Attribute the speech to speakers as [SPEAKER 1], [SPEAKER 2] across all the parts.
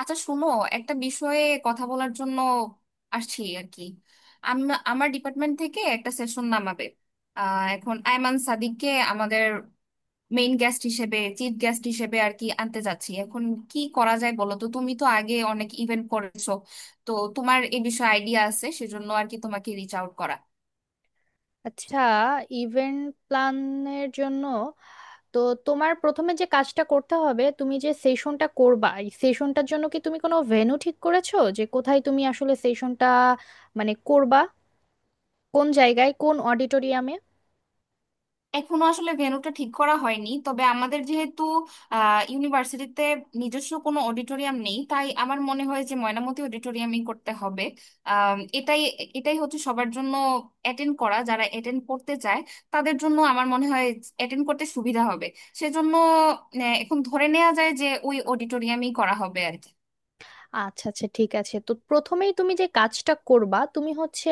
[SPEAKER 1] আচ্ছা শোনো, একটা বিষয়ে কথা বলার জন্য আসছি আর কি। আমার ডিপার্টমেন্ট থেকে একটা সেশন নামাবে। এখন আয়মান সাদিককে আমাদের মেইন গেস্ট হিসেবে, চিফ গেস্ট হিসেবে আর কি আনতে যাচ্ছি। এখন কি করা যায় বলো তো, তুমি তো আগে অনেক ইভেন্ট করেছো, তো তোমার এই বিষয়ে আইডিয়া আছে, সেজন্য আর কি তোমাকে রিচ আউট করা।
[SPEAKER 2] আচ্ছা, ইভেন্ট প্ল্যানের জন্য তো তোমার প্রথমে যে কাজটা করতে হবে, তুমি যে সেশনটা করবা এই সেশনটার জন্য কি তুমি কোনো ভেন্যু ঠিক করেছো, যে কোথায় তুমি আসলে সেশনটা করবা, কোন জায়গায়, কোন অডিটোরিয়ামে?
[SPEAKER 1] এখনো আসলে ভেন্যুটা ঠিক করা হয়নি, তবে আমাদের যেহেতু ইউনিভার্সিটিতে নিজস্ব কোনো অডিটোরিয়াম নেই, তাই আমার মনে হয় যে ময়নামতি অডিটোরিয়ামই করতে হবে। আম, এটাই এটাই হচ্ছে সবার জন্য অ্যাটেন্ড করা, যারা অ্যাটেন্ড করতে চায় তাদের জন্য আমার মনে হয় অ্যাটেন্ড করতে সুবিধা হবে। সেজন্য এখন ধরে নেওয়া যায় যে ওই অডিটোরিয়ামই করা হবে আর কি।
[SPEAKER 2] আচ্ছা আচ্ছা, ঠিক আছে। তো প্রথমেই তুমি যে কাজটা করবা তুমি হচ্ছে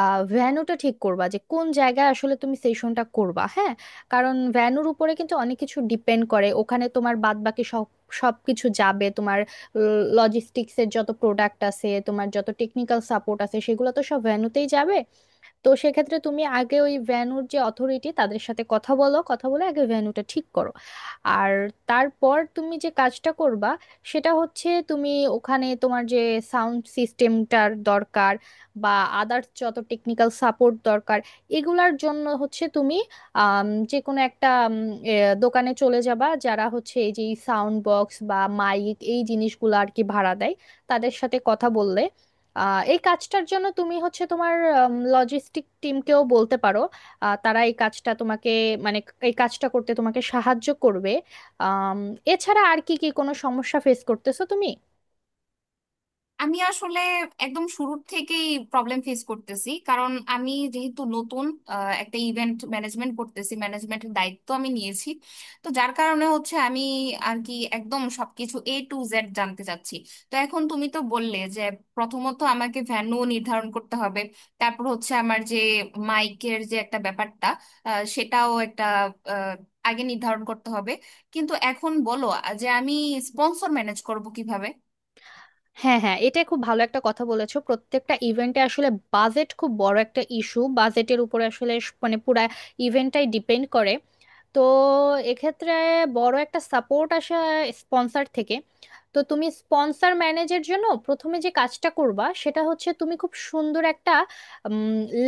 [SPEAKER 2] ভ্যানুটা ঠিক করবা, যে কোন জায়গায় আসলে তুমি সেশনটা করবা। হ্যাঁ, কারণ ভ্যানুর উপরে কিন্তু অনেক কিছু ডিপেন্ড করে। ওখানে তোমার বাদ বাকি সবকিছু যাবে, তোমার লজিস্টিক্সের যত প্রোডাক্ট আছে, তোমার যত টেকনিক্যাল সাপোর্ট আছে, সেগুলো তো সব ভ্যানুতেই যাবে। তো সেক্ষেত্রে তুমি আগে ওই ভেন্যুর যে অথরিটি, তাদের সাথে কথা বলো, কথা বলে আগে ভেন্যুটা ঠিক করো। আর তারপর তুমি যে কাজটা করবা সেটা হচ্ছে, তুমি ওখানে তোমার যে সাউন্ড সিস্টেমটার দরকার, বা আদার্স যত টেকনিক্যাল সাপোর্ট দরকার, এগুলার জন্য হচ্ছে তুমি যে কোনো একটা এ, দোকানে চলে যাবা, যারা হচ্ছে এই যে সাউন্ড বক্স বা মাইক এই জিনিসগুলো আর কি ভাড়া দেয়, তাদের সাথে কথা বললে এই কাজটার জন্য তুমি হচ্ছে তোমার লজিস্টিক টিমকেও বলতে পারো। তারা এই কাজটা তোমাকে মানে এই কাজটা করতে তোমাকে সাহায্য করবে। আম, এছাড়া আর কি কি কোনো সমস্যা ফেস করতেছো তুমি?
[SPEAKER 1] আমি আসলে একদম শুরুর থেকেই প্রবলেম ফেস করতেছি, কারণ আমি যেহেতু নতুন একটা ইভেন্ট ম্যানেজমেন্ট করতেছি, ম্যানেজমেন্টের দায়িত্ব আমি নিয়েছি। তো যার কারণে হচ্ছে আমি আর কি একদম সবকিছু এ টু জেড জানতে চাচ্ছি। তো এখন তুমি তো বললে যে প্রথমত আমাকে ভেন্যু নির্ধারণ করতে হবে, তারপর হচ্ছে আমার যে মাইকের যে একটা ব্যাপারটা, সেটাও একটা আহ, আগে নির্ধারণ করতে হবে। কিন্তু এখন বলো যে আমি স্পন্সর ম্যানেজ করব কিভাবে?
[SPEAKER 2] হ্যাঁ হ্যাঁ, এটা খুব ভালো একটা কথা বলেছো। প্রত্যেকটা ইভেন্টে আসলে বাজেট খুব বড় একটা ইস্যু। বাজেটের উপরে আসলে মানে পুরা ইভেন্টটাই ডিপেন্ড করে। তো এক্ষেত্রে বড় একটা সাপোর্ট আসে স্পন্সর থেকে। তো তুমি স্পন্সর ম্যানেজের জন্য প্রথমে যে কাজটা করবা সেটা হচ্ছে, তুমি খুব সুন্দর একটা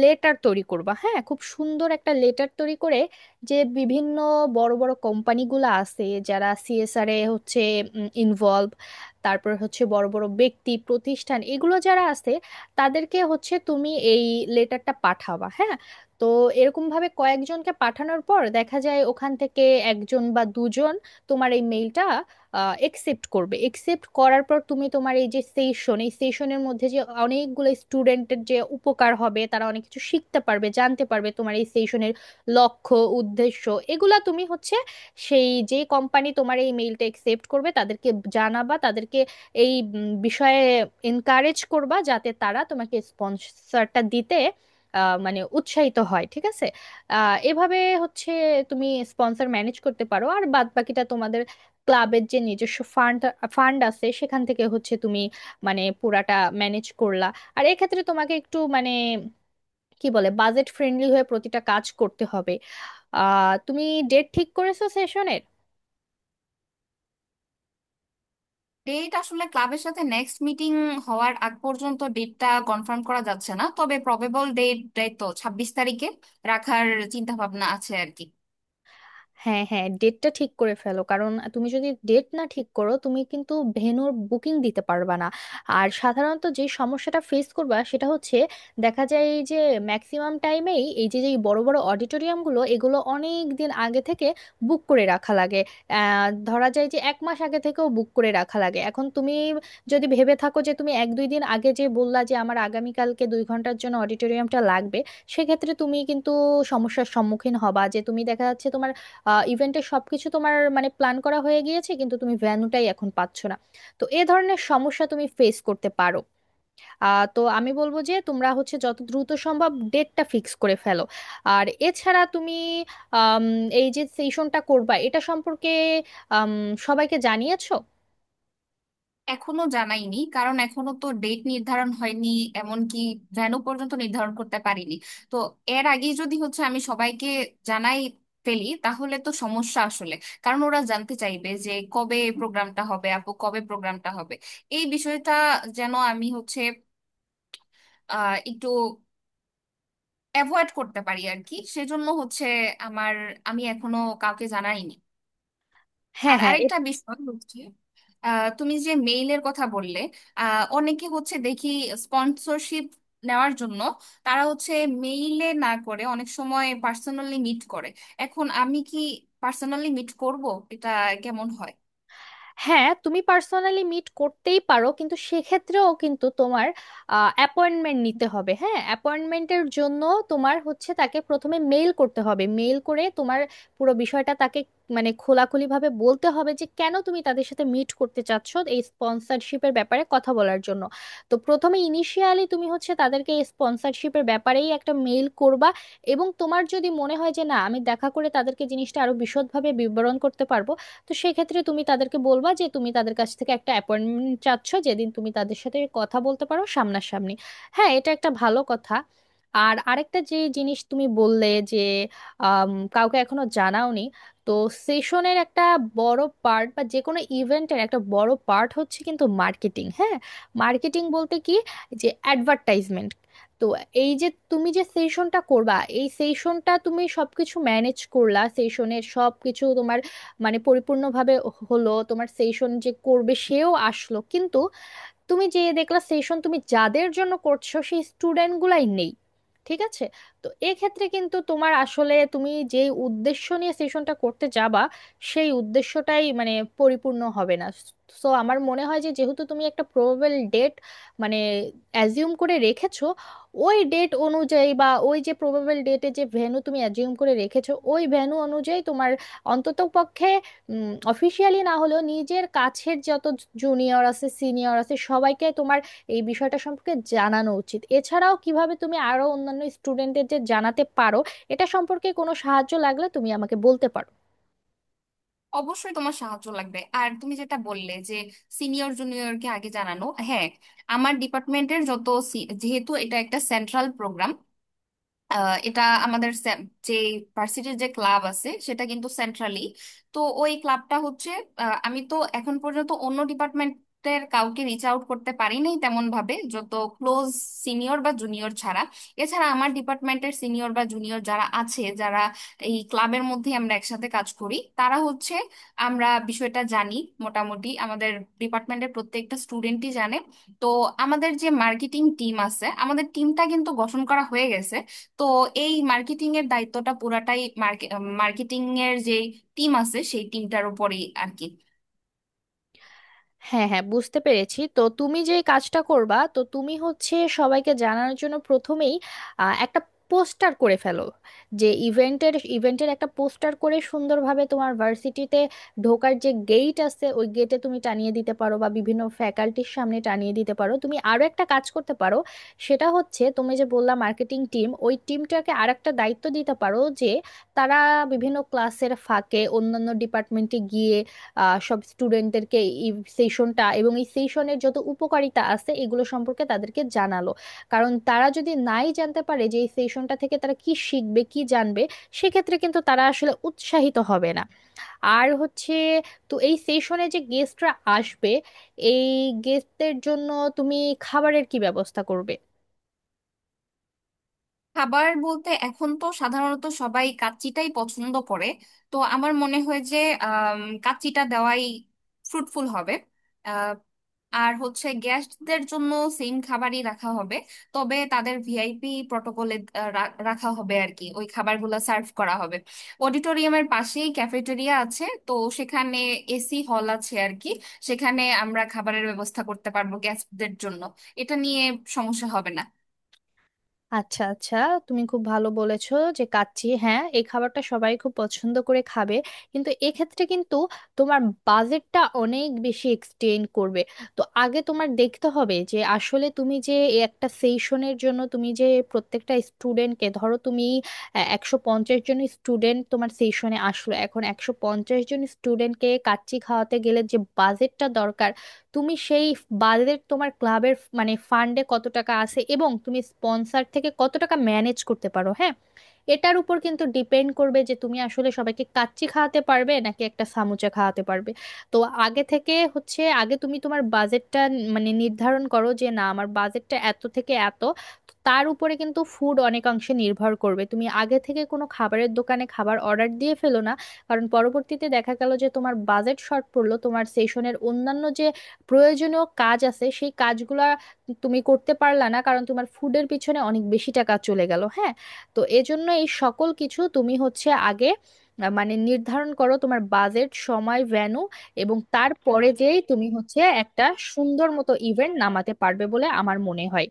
[SPEAKER 2] লেটার তৈরি করবা। হ্যাঁ, খুব সুন্দর একটা লেটার তৈরি করে, যে বিভিন্ন বড় বড় কোম্পানিগুলো আছে যারা সিএসআর এ হচ্ছে ইনভলভ, তারপর হচ্ছে বড় বড় ব্যক্তি প্রতিষ্ঠান এগুলো যারা আছে, তাদেরকে হচ্ছে তুমি এই লেটারটা পাঠাবা। হ্যাঁ, তো এরকম ভাবে কয়েকজনকে পাঠানোর পর দেখা যায় ওখান থেকে একজন বা দুজন তোমার এই মেইলটা একসেপ্ট করবে। একসেপ্ট করার পর তুমি তোমার এই যে সেশন, এই সেশনের মধ্যে যে অনেকগুলো স্টুডেন্টের যে উপকার হবে, তারা অনেক কিছু শিখতে পারবে, জানতে পারবে, তোমার এই সেশনের লক্ষ্য উদ্দেশ্য এগুলা তুমি হচ্ছে সেই যে কোম্পানি তোমার এই মেইলটা একসেপ্ট করবে তাদেরকে জানাবা, তাদেরকে এই বিষয়ে এনকারেজ করবা, যাতে তারা তোমাকে স্পন্সরটা দিতে মানে উৎসাহিত হয়। ঠিক আছে? এভাবে হচ্ছে তুমি স্পন্সর ম্যানেজ করতে পারো। আর বাদ বাকিটা তোমাদের ক্লাবের যে নিজস্ব ফান্ড ফান্ড আছে সেখান থেকে হচ্ছে তুমি মানে পুরাটা ম্যানেজ করলা। আর এক্ষেত্রে তোমাকে একটু মানে কি বলে, বাজেট ফ্রেন্ডলি হয়ে প্রতিটা কাজ করতে হবে। তুমি ডেট ঠিক করেছো সেশনের?
[SPEAKER 1] ডেট আসলে ক্লাবের সাথে নেক্সট মিটিং হওয়ার আগ পর্যন্ত ডেটটা কনফার্ম করা যাচ্ছে না, তবে প্রবেবল ডেট ডেট তো 26 তারিখে রাখার চিন্তা ভাবনা আছে আর কি।
[SPEAKER 2] হ্যাঁ হ্যাঁ, ডেটটা ঠিক করে ফেলো, কারণ তুমি যদি ডেট না ঠিক করো তুমি কিন্তু ভেন্যুর বুকিং দিতে পারবা না। আর সাধারণত যে সমস্যাটা ফেস করবা সেটা হচ্ছে, দেখা যায় এই যে ম্যাক্সিমাম টাইমেই এই যে যে বড় বড় অডিটোরিয়ামগুলো এগুলো অনেক দিন আগে থেকে বুক করে রাখা লাগে। ধরা যায় যে এক মাস আগে থেকেও বুক করে রাখা লাগে। এখন তুমি যদি ভেবে থাকো যে তুমি এক দুই দিন আগে যে বললা যে আমার আগামীকালকে 2 ঘন্টার জন্য অডিটোরিয়ামটা লাগবে, সেক্ষেত্রে তুমি কিন্তু সমস্যার সম্মুখীন হবা, যে তুমি দেখা যাচ্ছে তোমার ইভেন্টের সবকিছু তোমার মানে প্ল্যান করা হয়ে গিয়েছে, কিন্তু তুমি ভেন্যুটাই এখন পাচ্ছ না। তো এ ধরনের সমস্যা তুমি ফেস করতে পারো। তো আমি বলবো যে তোমরা হচ্ছে যত দ্রুত সম্ভব ডেটটা ফিক্স করে ফেলো। আর এছাড়া তুমি আম, এই যে সেশনটা করবা এটা সম্পর্কে আম, সবাইকে জানিয়েছো?
[SPEAKER 1] এখনো জানাইনি, কারণ এখনো তো ডেট নির্ধারণ হয়নি, এমনকি ভেন্যু পর্যন্ত নির্ধারণ করতে পারিনি। তো এর আগে যদি হচ্ছে আমি সবাইকে জানাই ফেলি, তাহলে তো সমস্যা আসলে। কারণ ওরা জানতে চাইবে যে কবে প্রোগ্রামটা হবে আপু, কবে প্রোগ্রামটা হবে। এই বিষয়টা যেন আমি হচ্ছে আহ একটু অ্যাভয়েড করতে পারি আর কি, সেজন্য হচ্ছে আমার, আমি এখনো কাউকে জানাইনি।
[SPEAKER 2] হ্যাঁ
[SPEAKER 1] আর
[SPEAKER 2] হ্যাঁ।
[SPEAKER 1] আরেকটা বিষয় হচ্ছে, তুমি যে মেইলের কথা বললে, অনেকে হচ্ছে দেখি স্পন্সরশিপ নেওয়ার জন্য তারা হচ্ছে মেইলে না করে অনেক সময় পার্সোনালি মিট করে। এখন আমি কি পার্সোনালি মিট করব? এটা কেমন হয়?
[SPEAKER 2] হ্যাঁ, তুমি পার্সোনালি মিট করতেই পারো, কিন্তু সেক্ষেত্রেও কিন্তু তোমার অ্যাপয়েন্টমেন্ট নিতে হবে। হ্যাঁ, অ্যাপয়েন্টমেন্টের জন্য তোমার হচ্ছে তাকে প্রথমে মেইল করতে হবে। মেইল করে তোমার পুরো বিষয়টা তাকে মানে খোলাখুলিভাবে বলতে হবে, যে কেন তুমি তাদের সাথে মিট করতে চাচ্ছ এই স্পন্সরশিপের ব্যাপারে কথা বলার জন্য। তো প্রথমে ইনিশিয়ালি তুমি হচ্ছে তাদেরকে এই স্পন্সরশিপের ব্যাপারেই একটা মেইল করবা। এবং তোমার যদি মনে হয় যে না, আমি দেখা করে তাদেরকে জিনিসটা আরো বিশদভাবে বিবরণ করতে পারবো, তো সেক্ষেত্রে তুমি তাদেরকে বলবা যে তুমি তাদের কাছ থেকে একটা অ্যাপয়েন্টমেন্ট চাচ্ছ, যেদিন তুমি তাদের সাথে কথা বলতে পারো সামনাসামনি। হ্যাঁ, এটা একটা ভালো কথা। আর আরেকটা যে জিনিস তুমি বললে যে আম, কাউকে এখনো জানাওনি। তো সেশনের একটা বড় পার্ট বা যে কোনো ইভেন্টের একটা বড় পার্ট হচ্ছে কিন্তু মার্কেটিং। হ্যাঁ, মার্কেটিং বলতে কি, যে অ্যাডভার্টাইজমেন্ট। তো এই যে তুমি যে সেশনটা করবা, এই সেশনটা তুমি সবকিছু ম্যানেজ করলা, সেশনের সবকিছু তোমার মানে পরিপূর্ণভাবে হলো, তোমার সেশন যে করবে সেও আসলো, কিন্তু তুমি যে দেখলা সেশন তুমি যাদের জন্য করছো সেই স্টুডেন্ট গুলাই নেই। ঠিক আছে? তো এক্ষেত্রে কিন্তু তোমার আসলে তুমি যে উদ্দেশ্য নিয়ে সেশনটা করতে যাবা সেই উদ্দেশ্যটাই মানে পরিপূর্ণ হবে না। সো আমার মনে হয় যে, যেহেতু তুমি একটা প্রবেবল ডেট মানে অ্যাজিউম করে রেখেছো, ওই ডেট অনুযায়ী বা ওই যে প্রবেবল ডেটে যে ভেন্যু তুমি অ্যাজিউম করে রেখেছো, ওই ভেন্যু অনুযায়ী তোমার অন্ততপক্ষে অফিসিয়ালি না হলেও নিজের কাছের যত জুনিয়র আছে, সিনিয়র আছে, সবাইকে তোমার এই বিষয়টা সম্পর্কে জানানো উচিত। এছাড়াও কিভাবে তুমি আরো অন্যান্য স্টুডেন্টদের যে জানাতে পারো, এটা সম্পর্কে কোনো সাহায্য লাগলে তুমি আমাকে বলতে পারো।
[SPEAKER 1] অবশ্যই তোমার সাহায্য লাগবে। আর তুমি যেটা বললে যে সিনিয়র জুনিয়রকে আগে জানানো, হ্যাঁ, আমার ডিপার্টমেন্টের যত যেহেতু এটা একটা সেন্ট্রাল প্রোগ্রাম, এটা আমাদের যে ভার্সিটির যে ক্লাব আছে সেটা কিন্তু সেন্ট্রালি। তো ওই ক্লাবটা হচ্ছে, আমি তো এখন পর্যন্ত অন্য ডিপার্টমেন্টের কাউকে রিচ আউট করতে পারি নাই তেমন ভাবে, যত ক্লোজ সিনিয়র বা জুনিয়র ছাড়া। এছাড়া আমার ডিপার্টমেন্টের সিনিয়র বা জুনিয়র যারা আছে, যারা এই ক্লাবের মধ্যে আমরা একসাথে কাজ করি, তারা হচ্ছে আমরা বিষয়টা জানি। মোটামুটি আমাদের ডিপার্টমেন্টের প্রত্যেকটা স্টুডেন্টই জানে। তো আমাদের যে মার্কেটিং টিম আছে, আমাদের টিমটা কিন্তু গঠন করা হয়ে গেছে। তো এই মার্কেটিং এর দায়িত্বটা পুরাটাই মার্কেটিং এর যে টিম আছে সেই টিমটার উপরেই আর কি।
[SPEAKER 2] হ্যাঁ হ্যাঁ, বুঝতে পেরেছি। তো তুমি যে কাজটা করবা, তো তুমি হচ্ছে সবাইকে জানানোর জন্য প্রথমেই একটা পোস্টার করে ফেলো। যে ইভেন্টের ইভেন্টের একটা পোস্টার করে সুন্দরভাবে তোমার ভার্সিটিতে ঢোকার যে গেট আছে ওই গেটে তুমি টানিয়ে দিতে পারো, বা বিভিন্ন ফ্যাকাল্টির সামনে টানিয়ে দিতে পারো। তুমি আরো একটা কাজ করতে পারো, সেটা হচ্ছে তুমি যে বললা মার্কেটিং টিম, ওই টিমটাকে আর একটা দায়িত্ব দিতে পারো, যে তারা বিভিন্ন ক্লাসের ফাঁকে অন্যান্য ডিপার্টমেন্টে গিয়ে সব স্টুডেন্টদেরকে এই সেশনটা এবং এই সেশনের যত উপকারিতা আছে এগুলো সম্পর্কে তাদেরকে জানালো। কারণ তারা যদি নাই জানতে পারে যে এই সেশনটা থেকে তারা কি শিখবে কি জানবে, সেক্ষেত্রে কিন্তু তারা আসলে উৎসাহিত হবে না। আর হচ্ছে তো এই সেশনে যে গেস্টরা আসবে, এই গেস্টদের জন্য তুমি খাবারের কি ব্যবস্থা করবে?
[SPEAKER 1] খাবার বলতে এখন তো সাধারণত সবাই কাচ্চিটাই পছন্দ করে, তো আমার মনে হয় যে কাচ্চিটা দেওয়াই ফ্রুটফুল হবে। আর হচ্ছে গেস্টদের জন্য সেম খাবারই রাখা হবে, তবে তাদের ভিআইপি প্রটোকলে রাখা হবে আর কি, ওই খাবারগুলো সার্ভ করা হবে। অডিটোরিয়ামের পাশেই ক্যাফেটেরিয়া আছে, তো সেখানে এসি হল আছে আর কি, সেখানে আমরা খাবারের ব্যবস্থা করতে পারবো গেস্টদের জন্য। এটা নিয়ে সমস্যা হবে না।
[SPEAKER 2] আচ্ছা আচ্ছা, তুমি খুব ভালো বলেছো যে কাচ্চি। হ্যাঁ, এই খাবারটা সবাই খুব পছন্দ করে খাবে, কিন্তু এক্ষেত্রে কিন্তু তোমার বাজেটটা অনেক বেশি এক্সটেন্ড করবে। তো আগে তোমার দেখতে হবে যে আসলে তুমি যে এই একটা সেশনের জন্য তুমি যে প্রত্যেকটা স্টুডেন্টকে, ধরো তুমি 150 জন স্টুডেন্ট তোমার সেশনে আসলো, এখন 150 জন স্টুডেন্টকে কাচ্চি খাওয়াতে গেলে যে বাজেটটা দরকার, তুমি সেই বাজেট তোমার ক্লাবের মানে ফান্ডে কত টাকা আছে এবং তুমি স্পন্সর থেকে কত টাকা ম্যানেজ করতে পারো। হ্যাঁ, এটার উপর কিন্তু ডিপেন্ড করবে যে তুমি আসলে সবাইকে কাচ্চি খাওয়াতে পারবে নাকি একটা সামুচা খাওয়াতে পারবে। তো আগে থেকে হচ্ছে, আগে তুমি তোমার বাজেটটা মানে নির্ধারণ করো, যে না আমার বাজেটটা এত থেকে এত, তো তার উপরে কিন্তু ফুড অনেকাংশে নির্ভর করবে। তুমি আগে থেকে কোনো খাবারের দোকানে খাবার অর্ডার দিয়ে ফেলো না, কারণ পরবর্তীতে দেখা গেল যে তোমার বাজেট শর্ট পড়লো, তোমার সেশনের অন্যান্য যে প্রয়োজনীয় কাজ আছে সেই কাজগুলা তুমি করতে পারলা না, কারণ তোমার ফুডের পিছনে অনেক বেশি টাকা চলে গেল। হ্যাঁ, তো এজন্য এই সকল কিছু তুমি হচ্ছে আগে মানে নির্ধারণ করো তোমার বাজেট, সময়, ভ্যানু, এবং তারপরে যেই তুমি হচ্ছে একটা সুন্দর মতো ইভেন্ট নামাতে পারবে বলে আমার মনে হয়।